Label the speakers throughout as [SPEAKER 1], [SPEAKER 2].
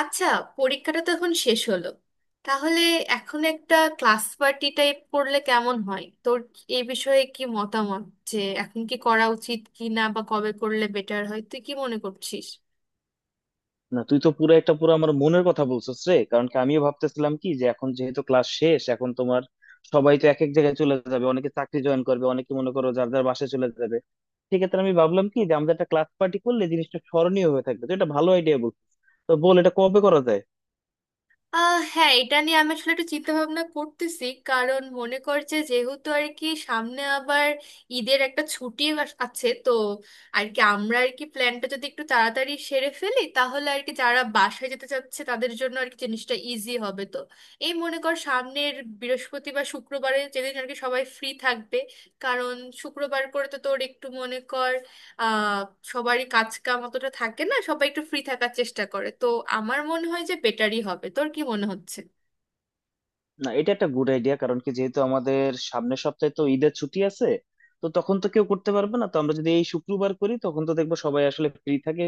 [SPEAKER 1] আচ্ছা, পরীক্ষাটা তো এখন শেষ হলো। তাহলে এখন একটা ক্লাস পার্টি টাইপ করলে কেমন হয়? তোর এই বিষয়ে কি মতামত যে এখন কি করা উচিত কি না, বা কবে করলে বেটার হয় তুই কি মনে করছিস?
[SPEAKER 2] না তুই তো পুরো আমার মনের কথা বলছিস রে। কারণ কি, আমিও ভাবতেছিলাম কি যে এখন যেহেতু ক্লাস শেষ, এখন তোমার সবাই তো এক এক জায়গায় চলে যাবে, অনেকে চাকরি জয়েন করবে, অনেকে মনে করো যার যার বাসায় চলে যাবে। সেক্ষেত্রে আমি ভাবলাম কি যে আমাদের একটা ক্লাস পার্টি করলে জিনিসটা স্মরণীয় হয়ে থাকবে। তো এটা ভালো আইডিয়া বলছিস, তো বল এটা কবে করা যায়।
[SPEAKER 1] হ্যাঁ, এটা নিয়ে আমি আসলে একটু চিন্তা ভাবনা করতেছি, কারণ মনে কর যে যেহেতু আর কি সামনে আবার ঈদের একটা ছুটি আছে তো। আর কি আমরা আর কি প্ল্যানটা যদি একটু তাড়াতাড়ি সেরে ফেলি তাহলে আর কি যারা বাসায় যেতে চাচ্ছে তাদের জন্য আর কি জিনিসটা ইজি হবে তো। এই মনে কর সামনের বৃহস্পতি বা শুক্রবারে, যেদিন আর কি সবাই ফ্রি থাকবে। কারণ শুক্রবার করে তো তোর একটু মনে কর আহ সবারই কাজ কাম অতটা থাকে না, সবাই একটু ফ্রি থাকার চেষ্টা করে তো। আমার মনে হয় যে বেটারই হবে, তোর কি মনে হচ্ছে?
[SPEAKER 2] না, এটা একটা গুড আইডিয়া। কারণ কি, যেহেতু আমাদের সামনের সপ্তাহে তো ঈদের ছুটি আছে, তো তখন তো কেউ করতে পারবে না। তো আমরা যদি এই শুক্রবার করি তখন তো দেখবো সবাই আসলে ফ্রি থাকে।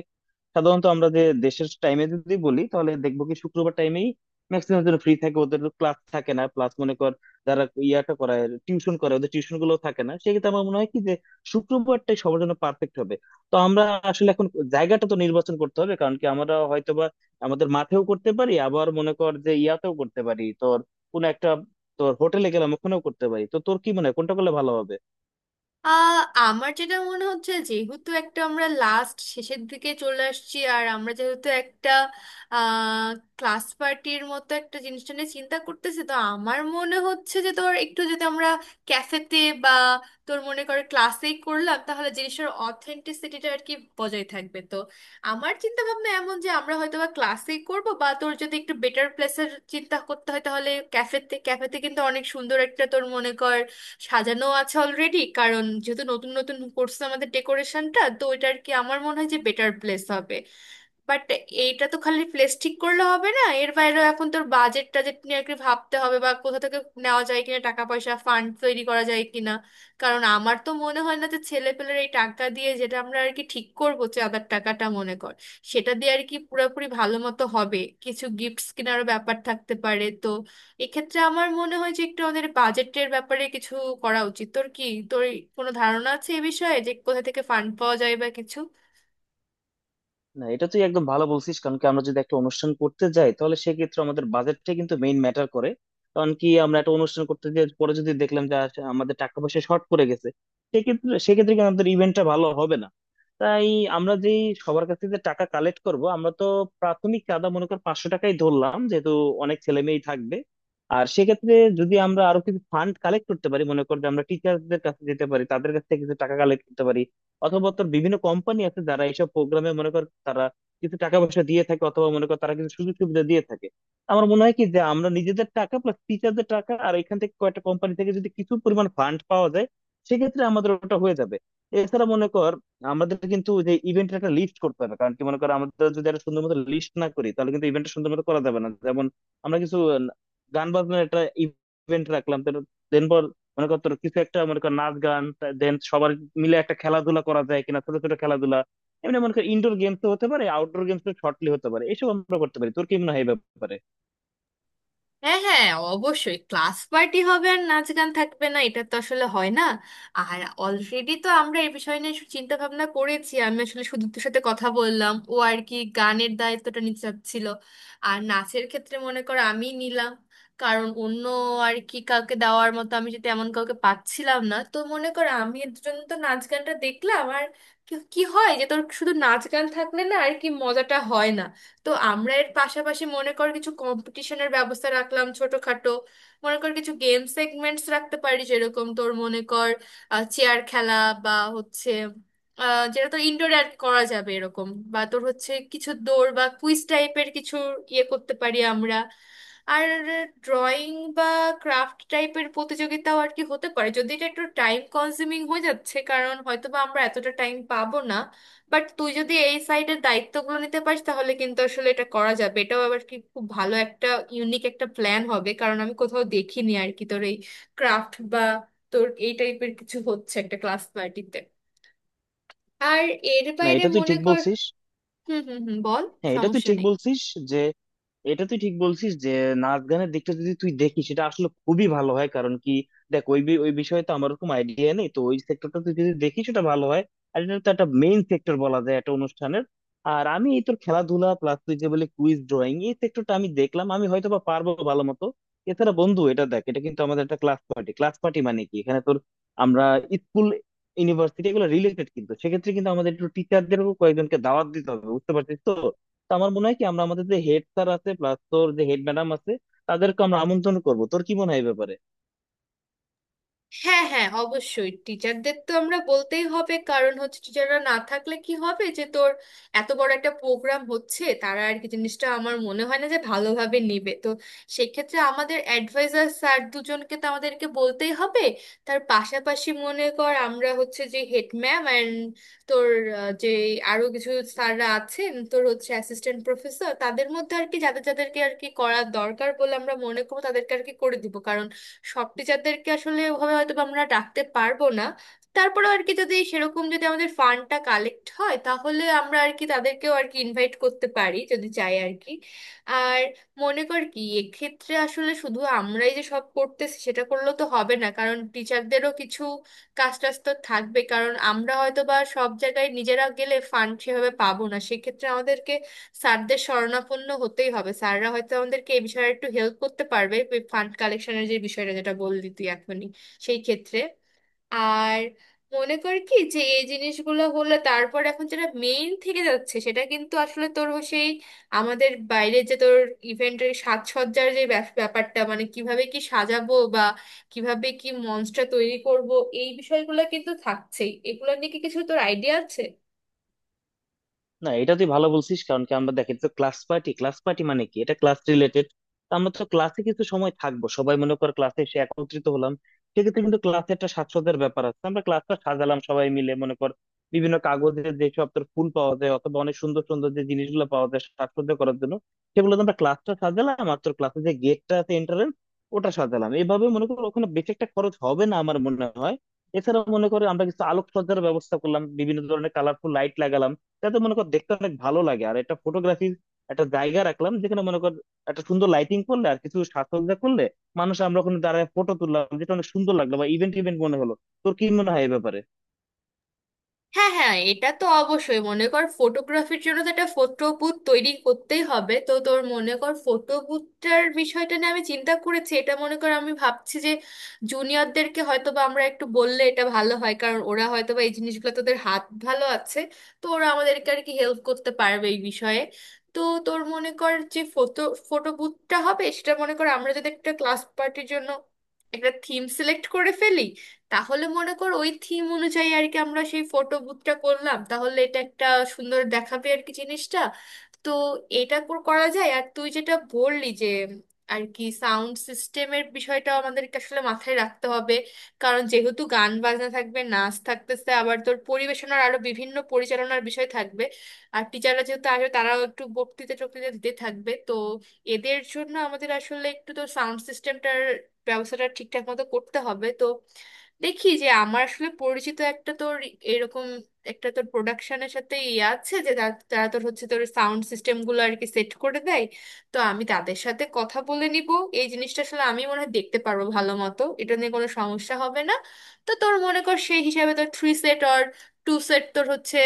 [SPEAKER 2] সাধারণত আমরা যে দেশের টাইমে যদি বলি তাহলে দেখবো কি শুক্রবার টাইমেই ম্যাক্সিমাম জন ফ্রি থাকে, ওদের ক্লাস থাকে না, প্লাস মনে কর যারা ইয়াটা করায়, টিউশন করে, ওদের টিউশন গুলো থাকে না। সেক্ষেত্রে আমার মনে হয় কি যে শুক্রবারটাই সবার জন্য পারফেক্ট হবে। তো আমরা আসলে এখন জায়গাটা তো নির্বাচন করতে হবে। কারণ কি, আমরা হয়তোবা আমাদের মাঠেও করতে পারি, আবার মনে কর যে ইয়াতেও করতে পারি, কোনো একটা তোর হোটেলে গেলাম ওখানেও করতে পারি। তো তোর কি মনে হয় কোনটা করলে ভালো হবে।
[SPEAKER 1] আমার যেটা মনে হচ্ছে, যেহেতু একটা আমরা লাস্ট শেষের দিকে চলে আসছি, আর আমরা যেহেতু একটা আহ ক্লাস পার্টির মতো একটা জিনিসটা নিয়ে চিন্তা করতেছি, তো আমার মনে হচ্ছে যে তোর একটু যদি আমরা ক্যাফেতে বা তোর মনে করে ক্লাসেই করলাম তাহলে জিনিসের অথেন্টিসিটিটা আর কি বজায় থাকবে তো। আমার চিন্তা ভাবনা এমন যে আমরা হয়তো বা ক্লাসেই করবো, বা তোর যদি একটু বেটার প্লেসের চিন্তা করতে হয় তাহলে ক্যাফেতে ক্যাফেতে কিন্তু অনেক সুন্দর একটা তোর মনে কর সাজানো আছে অলরেডি, কারণ যেহেতু নতুন নতুন করছে আমাদের ডেকোরেশনটা, তো ওইটা আর কি আমার মনে হয় যে বেটার প্লেস হবে। বাট এইটা তো খালি প্লেস ঠিক করলে হবে না, এর বাইরেও এখন তোর বাজেট টাজেট নিয়ে একটু ভাবতে হবে, বা কোথা থেকে নেওয়া যায় কিনা, টাকা পয়সা ফান্ড তৈরি করা যায় কিনা। কারণ আমার তো মনে হয় না যে ছেলেপেলের এই টাকা দিয়ে, যেটা আমরা আর কি ঠিক করবো চাঁদার টাকাটা মনে কর, সেটা দিয়ে আর কি পুরোপুরি ভালো মতো হবে। কিছু গিফটস কেনারও ব্যাপার থাকতে পারে তো। এক্ষেত্রে আমার মনে হয় যে একটু আমাদের বাজেটের ব্যাপারে কিছু করা উচিত। তোর কি তোর কোনো ধারণা আছে এ বিষয়ে যে কোথা থেকে ফান্ড পাওয়া যায় বা কিছু?
[SPEAKER 2] না এটা তুই একদম ভালো বলছিস। কারণ কি, আমরা যদি একটা অনুষ্ঠান করতে যাই তাহলে সেক্ষেত্রে আমাদের বাজেটটাই কিন্তু মেইন ম্যাটার করে। কারণ কি, আমরা একটা অনুষ্ঠান করতে গিয়ে পরে যদি দেখলাম যে আমাদের টাকা পয়সা শর্ট পড়ে গেছে, সেক্ষেত্রে সেক্ষেত্রে কিন্তু আমাদের ইভেন্টটা ভালো হবে না। তাই আমরা যে সবার কাছ থেকে টাকা কালেক্ট করব আমরা তো, প্রাথমিক চাঁদা মনে কর 500 টাকাই ধরলাম, যেহেতু অনেক ছেলে মেয়েই থাকবে। আর সেক্ষেত্রে যদি আমরা আরো কিছু ফান্ড কালেক্ট করতে পারি, মনে কর যে আমরা টিচারদের কাছে যেতে পারি, তাদের কাছ থেকে কিছু টাকা কালেক্ট করতে পারি। অথবা তোর বিভিন্ন কোম্পানি আছে যারা এইসব প্রোগ্রামে মনে কর তারা কিছু টাকা পয়সা দিয়ে থাকে, অথবা মনে কর তারা কিছু সুযোগ সুবিধা দিয়ে থাকে। আমার মনে হয় কি যে আমরা নিজেদের টাকা প্লাস টিচারদের টাকা আর এখান থেকে কয়েকটা কোম্পানি থেকে যদি কিছু পরিমাণ ফান্ড পাওয়া যায়, সেক্ষেত্রে আমাদের ওটা হয়ে যাবে। এছাড়া মনে কর, আমাদের কিন্তু যে ইভেন্টের একটা লিস্ট করতে হবে। কারণ কি মনে কর, আমাদের যদি একটা সুন্দর মতো লিস্ট না করি তাহলে কিন্তু ইভেন্টটা সুন্দর মতো করা যাবে না। যেমন আমরা কিছু গান বাজনার একটা ইভেন্ট রাখলাম, দেন পর মনে কর তোর কিছু একটা, মনে কর নাচ গান, দেন সবার মিলে একটা খেলাধুলা করা যায় কিনা, ছোট ছোট খেলাধুলা। এমনি মনে কর ইনডোর গেমস হতে পারে, আউটডোর গেমস শর্টলি হতে পারে, এসব আমরা করতে পারি। তোর কি মনে হয় এই ব্যাপারে।
[SPEAKER 1] হ্যাঁ, হ্যাঁ, অবশ্যই ক্লাস পার্টি হবে আর নাচ গান থাকবে না, এটা তো আসলে হয় না। আর অলরেডি তো আমরা এই বিষয় নিয়ে চিন্তা ভাবনা করেছি। আমি আসলে সুদীপ্তর সাথে কথা বললাম, ও আর কি গানের দায়িত্বটা নিতে চাচ্ছিল। আর নাচের ক্ষেত্রে মনে করো আমি নিলাম, কারণ অন্য আর কি কাউকে দেওয়ার মতো আমি যদি এমন কাউকে পাচ্ছিলাম না, তো মনে করো আমি এর জন্য তো নাচ গানটা দেখলাম। আর কি কি হয় যে তোর শুধু নাচ গান থাকলে না আর কি মজাটা হয় না। তো আমরা এর পাশাপাশি মনে কর কিছু কম্পিটিশনের ব্যবস্থা রাখলাম ছোটখাটো। মনে কর কিছু গেম সেগমেন্টস রাখতে পারি, যেরকম তোর মনে কর চেয়ার খেলা, বা হচ্ছে যেটা তো ইনডোরে আর কি করা যাবে এরকম, বা তোর হচ্ছে কিছু দৌড় বা কুইজ টাইপের কিছু ইয়ে করতে পারি আমরা। আর ড্রয়িং বা ক্রাফট টাইপের প্রতিযোগিতাও আর কি হতে পারে, যদি এটা একটু টাইম কনজিউমিং হয়ে যাচ্ছে, কারণ হয়তো বা আমরা এতটা টাইম পাবো না। বাট তুই যদি এই সাইডের দায়িত্বগুলো নিতে পারিস তাহলে কিন্তু আসলে এটা করা যাবে। এটাও আবার কি খুব ভালো একটা ইউনিক একটা প্ল্যান হবে, কারণ আমি কোথাও দেখিনি আর কি তোর এই ক্রাফট বা তোর এই টাইপের কিছু হচ্ছে একটা ক্লাস পার্টিতে। আর এর
[SPEAKER 2] না
[SPEAKER 1] বাইরে
[SPEAKER 2] এটা তুই
[SPEAKER 1] মনে
[SPEAKER 2] ঠিক
[SPEAKER 1] কর
[SPEAKER 2] বলছিস।
[SPEAKER 1] হুম, হুম, হুম, বল।
[SPEAKER 2] হ্যাঁ এটা তুই
[SPEAKER 1] সমস্যা
[SPEAKER 2] ঠিক
[SPEAKER 1] নেই।
[SPEAKER 2] বলছিস যে, এটা তুই ঠিক বলছিস যে নাচ গানের দিকটা যদি তুই দেখিস সেটা আসলে খুবই ভালো হয়। কারণ কি দেখ, ওই বিষয়ে তো আমার ওরকম আইডিয়া নেই, তো ওই সেক্টরটা তুই যদি দেখিস সেটা ভালো হয়। আর এটা তো একটা মেইন সেক্টর বলা যায় একটা অনুষ্ঠানের। আর আমি এই তোর খেলাধুলা প্লাস তুই যে বলে কুইজ, ড্রয়িং, এই সেক্টরটা আমি দেখলাম, আমি হয়তো বা পারবো ভালো মতো। এছাড়া বন্ধু এটা দেখ, এটা কিন্তু আমাদের একটা ক্লাস পার্টি। ক্লাস পার্টি মানে কি, এখানে তোর আমরা স্কুল, ইউনিভার্সিটি এগুলো রিলেটেড। কিন্তু সেক্ষেত্রে কিন্তু আমাদের একটু টিচারদেরও কয়েকজনকে দাওয়াত দিতে হবে, বুঝতে পারছিস তো। তো আমার মনে হয় কি, আমরা আমাদের যে হেড স্যার আছে প্লাস তোর যে হেড ম্যাডাম আছে, তাদেরকে আমরা আমন্ত্রণ করবো। তোর কি মনে হয় এই ব্যাপারে।
[SPEAKER 1] হ্যাঁ, হ্যাঁ, অবশ্যই টিচারদের তো আমরা বলতেই হবে, কারণ হচ্ছে টিচাররা না থাকলে কি হবে যে তোর এত বড় একটা প্রোগ্রাম হচ্ছে, তারা আর কি জিনিসটা আমার মনে হয় না যে ভালোভাবে নেবে তো। সেক্ষেত্রে আমাদের অ্যাডভাইজার স্যার দুজনকে তো আমাদেরকে বলতেই হবে। তার পাশাপাশি মনে কর আমরা হচ্ছে যে হেড ম্যাম অ্যান্ড তোর যে আরো কিছু স্যাররা আছেন তোর হচ্ছে অ্যাসিস্ট্যান্ট প্রফেসর, তাদের মধ্যে আর কি যাদের যাদেরকে আর কি করার দরকার বলে আমরা মনে করবো তাদেরকে আর কি করে দিব। সব টিচারদেরকে আসলে ওভাবে হয়তো বা আমরা ডাকতে পারবো না। তারপরেও আর কি যদি সেরকম যদি আমাদের ফান্ডটা কালেক্ট হয় তাহলে আমরা আর কি তাদেরকেও আর কি ইনভাইট করতে পারি যদি চাই আর মনে কর কি এক্ষেত্রে আসলে শুধু আমরাই যে সব করতেছি সেটা করলেও তো হবে না, কারণ টিচারদেরও কিছু কাজ টাজ তো থাকবে। কারণ আমরা হয়তো বা সব জায়গায় নিজেরা গেলে ফান্ড সেভাবে পাবো না, সেক্ষেত্রে আমাদেরকে স্যারদের শরণাপন্ন হতেই হবে। স্যাররা হয়তো আমাদেরকে এই বিষয়ে একটু হেল্প করতে পারবে ফান্ড কালেকশনের যে বিষয়টা যেটা বললি তুই এখনই, সেই ক্ষেত্রে। আর মনে করি কি যে এই জিনিসগুলো হলে তারপর এখন যেটা মেইন থেকে যাচ্ছে সেটা কিন্তু আসলে তোর ও সেই আমাদের বাইরে, যে তোর ইভেন্টের সাজসজ্জার যে ব্যাপারটা, মানে কিভাবে কি সাজাবো, বা কিভাবে কি মঞ্চটা তৈরি করব, এই বিষয়গুলো কিন্তু থাকছেই। এগুলো নিয়ে কি কিছু তোর আইডিয়া আছে?
[SPEAKER 2] না এটা তুই ভালো বলছিস। কারণ কি আমরা দেখি তো ক্লাস পার্টি, ক্লাস পার্টি মানে কি, এটা ক্লাস রিলেটেড। আমরা তো ক্লাসে কিছু সময় থাকবো, সবাই মনে কর ক্লাসে এসে একত্রিত হলাম, সেক্ষেত্রে কিন্তু ক্লাসে একটা সাজসজ্জার ব্যাপার আছে। আমরা ক্লাসটা সাজালাম সবাই মিলে, মনে কর বিভিন্ন কাগজের যেসব তোর ফুল পাওয়া যায় অথবা অনেক সুন্দর সুন্দর যে জিনিসগুলো পাওয়া যায় সাজসজ্জা করার জন্য, সেগুলো তো আমরা ক্লাসটা সাজালাম। আর তোর ক্লাসে যে গেটটা আছে, এন্ট্রান্স, ওটা সাজালাম, এভাবে মনে কর ওখানে বেশি একটা খরচ হবে না আমার মনে হয়। এছাড়াও মনে করো আমরা কিছু আলোকসজ্জার ব্যবস্থা করলাম, বিভিন্ন ধরনের কালারফুল লাইট লাগালাম, যাতে মনে কর দেখতে অনেক ভালো লাগে। আর একটা ফটোগ্রাফির একটা জায়গা রাখলাম, যেখানে মনে কর একটা সুন্দর লাইটিং করলে আর কিছু সাজসজ্জা করলে, মানুষ আমরা ওখানে দাঁড়ায় ফটো তুললাম, যেটা অনেক সুন্দর লাগলো বা ইভেন্ট ইভেন্ট মনে হলো। তোর কি মনে হয় এই ব্যাপারে।
[SPEAKER 1] হ্যাঁ, হ্যাঁ, এটা তো অবশ্যই। মনে কর ফটোগ্রাফির জন্য তো একটা ফটো বুথ তৈরি করতেই হবে। তো তোর মনে কর ফটো বুথটার বিষয়টা নিয়ে আমি চিন্তা করেছি। এটা মনে কর আমি ভাবছি যে জুনিয়রদেরকে হয়তো বা আমরা একটু বললে এটা ভালো হয়, কারণ ওরা হয়তো বা এই জিনিসগুলো তোদের হাত ভালো আছে, তো ওরা আমাদেরকে আর কি হেল্প করতে পারবে এই বিষয়ে। তো তোর মনে কর যে ফটো ফটো বুথটা হবে সেটা মনে কর আমরা যদি একটা ক্লাস পার্টির জন্য একটা থিম সিলেক্ট করে ফেলি, তাহলে মনে কর ওই থিম অনুযায়ী আর কি আমরা সেই ফটো বুথটা করলাম, তাহলে এটা একটা সুন্দর দেখাবে আর কি জিনিসটা। তো এটা করা যায়। আর তুই যেটা বললি যে আর কি সাউন্ড সিস্টেমের বিষয়টা আমাদেরকে আসলে মাথায় রাখতে হবে, কারণ যেহেতু গান বাজনা থাকবে, নাচ থাকতেছে, আবার তোর পরিবেশনার আরো বিভিন্ন পরিচালনার বিষয় থাকবে, আর টিচাররা যেহেতু আসবে তারাও একটু বক্তৃতা টক্তৃতা দিতে থাকবে তো, এদের জন্য আমাদের আসলে একটু তো সাউন্ড সিস্টেমটার ব্যবস্থাটা ঠিকঠাক মতো করতে হবে তো। দেখি যে আমার আসলে পরিচিত একটা তোর এরকম একটা তোর প্রোডাকশনের সাথে ইয়ে আছে যে তারা তোর হচ্ছে তোর সাউন্ড সিস্টেম গুলো আর কি সেট করে দেয়। তো আমি তাদের সাথে কথা বলে নিব। এই জিনিসটা আসলে আমি মনে হয় দেখতে পারবো ভালো মতো, এটা নিয়ে কোনো সমস্যা হবে না। তো তোর মনে কর সেই হিসাবে তোর three set or two set তোর হচ্ছে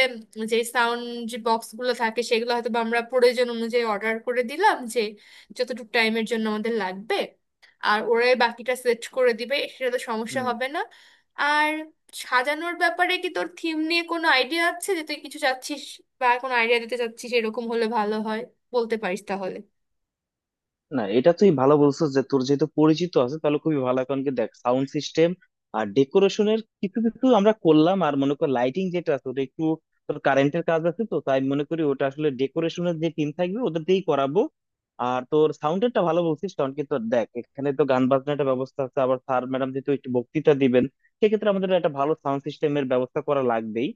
[SPEAKER 1] যে সাউন্ড, যে বক্স গুলো থাকে, সেগুলো হয়তো বা আমরা প্রয়োজন অনুযায়ী অর্ডার করে দিলাম যে যতটুকু টাইমের জন্য আমাদের লাগবে, আর ওরাই বাকিটা সেট করে দিবে, সেটা তো সমস্যা
[SPEAKER 2] হম।
[SPEAKER 1] হবে না। আর সাজানোর ব্যাপারে কি তোর থিম নিয়ে কোনো আইডিয়া আছে যে তুই কিছু চাচ্ছিস বা কোনো আইডিয়া দিতে চাচ্ছিস, এরকম হলে ভালো হয়, বলতে পারিস তাহলে।
[SPEAKER 2] না এটা তুই ভালো বলছিস যে তোর যেহেতু পরিচিত আছে, তাহলে খুবই ভালো। এখন কি দেখ, সাউন্ড সিস্টেম আর ডেকোরেশনের কিছু কিছু আমরা করলাম, আর মনে কর লাইটিং যেটা আছে ওটা একটু তোর কারেন্টের কাজ আছে তো, তাই মনে করি ওটা আসলে ডেকোরেশনের যে টিম থাকবে ওদের দিয়েই করাবো। আর তোর সাউন্ডেরটা ভালো বলছিস। কারণ কি তোর দেখ, এখানে তো গান বাজনাটা ব্যবস্থা আছে, আবার স্যার ম্যাডাম যেহেতু একটু বক্তৃতা দিবেন, সেক্ষেত্রে আমাদের একটা ভালো সাউন্ড সিস্টেমের ব্যবস্থা করা লাগবেই।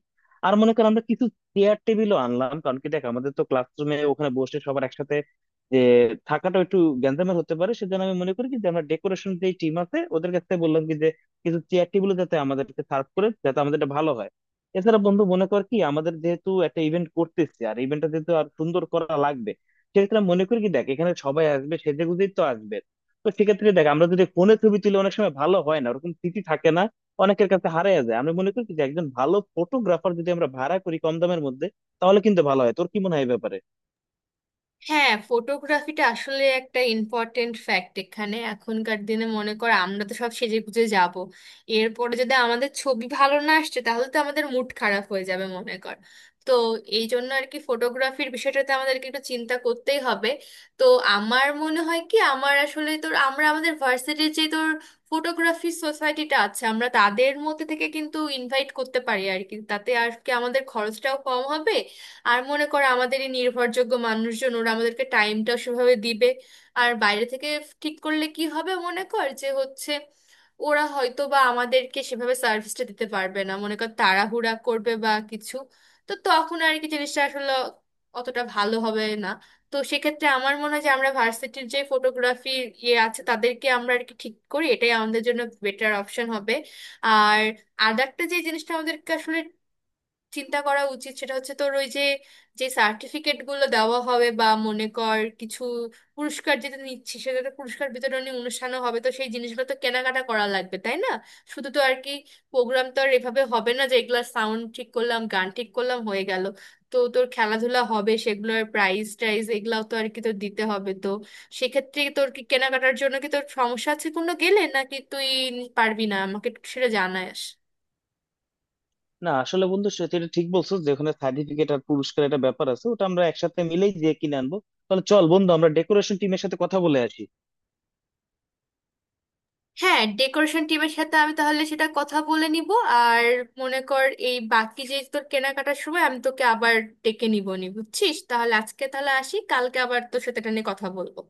[SPEAKER 2] আর মনে কর আমরা কিছু চেয়ার টেবিলও আনলাম। কারণ কি দেখ, আমাদের তো ক্লাসরুমে ওখানে বসে সবার একসাথে যে থাকাটা একটু গ্যাঞ্জামের হতে পারে। সেজন্য আমি মনে করি কি যে আমরা ডেকোরেশন যে টিম আছে ওদের কাছে বললাম কি যে কিছু চেয়ার টেবিল যাতে আমাদেরকে সার্ভ করে, যাতে আমাদের এটা ভালো হয়। এছাড়া বন্ধু মনে কর কি, আমাদের যেহেতু একটা ইভেন্ট করতেছি আর ইভেন্টটা যেহেতু আর সুন্দর করা লাগবে, সেক্ষেত্রে আমি মনে করি কি দেখ এখানে সবাই আসবে সেজে গুজেই তো আসবে। তো সেক্ষেত্রে দেখ, আমরা যদি ফোনে ছবি তুলে অনেক সময় ভালো হয় না, ওরকম স্মৃতি থাকে না, অনেকের কাছে হারিয়ে যায়। আমি মনে করি কি যে একজন ভালো ফটোগ্রাফার যদি আমরা ভাড়া করি কম দামের মধ্যে, তাহলে কিন্তু ভালো হয়। তোর কি মনে হয় এই ব্যাপারে।
[SPEAKER 1] হ্যাঁ, ফটোগ্রাফিটা আসলে একটা ইম্পর্টেন্ট ফ্যাক্ট এখানে এখনকার দিনে। মনে কর আমরা তো সব সেজে গুজে যাব, এরপরে যদি আমাদের ছবি ভালো না আসছে তাহলে তো আমাদের মুড খারাপ হয়ে যাবে মনে কর। তো এই জন্য আর কি ফটোগ্রাফির বিষয়টাতে আমাদেরকে একটু চিন্তা করতেই হবে। তো আমার মনে হয় কি, আমার আসলে তোর আমরা আমাদের ভার্সিটির যে তোর ফটোগ্রাফি সোসাইটিটা আছে, আমরা তাদের মধ্যে থেকে কিন্তু ইনভাইট করতে পারি আর কি তাতে আর কি আমাদের খরচটাও কম হবে। আর মনে করো আমাদের এই নির্ভরযোগ্য মানুষজন ওরা আমাদেরকে টাইমটা সেভাবে দিবে। আর বাইরে থেকে ঠিক করলে কি হবে মনে কর, যে হচ্ছে ওরা হয়তো বা আমাদেরকে সেভাবে সার্ভিসটা দিতে পারবে না, মনে কর তাড়াহুড়া করবে বা কিছু, তো তখন আর কি জিনিসটা আসলে অতটা ভালো হবে না। তো সেক্ষেত্রে আমার মনে হয় যে আমরা ভার্সিটির যে ফটোগ্রাফি ইয়ে আছে তাদেরকে আমরা আর কি ঠিক করি, এটাই আমাদের জন্য বেটার অপশন হবে। আর আর একটা যে জিনিসটা আমাদেরকে আসলে চিন্তা করা উচিত সেটা হচ্ছে তোর ওই যে, যে সার্টিফিকেট গুলো দেওয়া হবে, বা মনে কর কিছু পুরস্কার যেটা নিচ্ছি, সেটা তো পুরস্কার বিতরণী অনুষ্ঠানও হবে, তো সেই জিনিসগুলো তো কেনাকাটা করা লাগবে তাই না? শুধু তো আর কি প্রোগ্রাম তো আর এভাবে হবে না যে এগুলা সাউন্ড ঠিক করলাম, গান ঠিক করলাম, হয়ে গেল। তো তোর খেলাধুলা হবে সেগুলোর প্রাইজ টাইজ এগুলাও তো আর কি তোর দিতে হবে তো। সেক্ষেত্রে তোর কি কেনাকাটার জন্য কি তোর সমস্যা আছে কোনো, গেলে নাকি তুই পারবি না, আমাকে একটু সেটা জানাস।
[SPEAKER 2] না আসলে বন্ধু সেটা, এটা ঠিক বলছো যে ওখানে সার্টিফিকেট আর পুরস্কার একটা ব্যাপার আছে, ওটা আমরা একসাথে মিলেই যে কিনে আনবো। তাহলে চল বন্ধু, আমরা ডেকোরেশন টিমের সাথে কথা বলে আসি।
[SPEAKER 1] হ্যাঁ, ডেকোরেশন টিমের সাথে আমি তাহলে সেটা কথা বলে নিব। আর মনে কর এই বাকি যে তোর কেনাকাটার সময় আমি তোকে আবার ডেকে নিব নি, বুঝছিস? তাহলে আজকে তাহলে আসি, কালকে আবার তোর সাথে এটা নিয়ে কথা বলবো।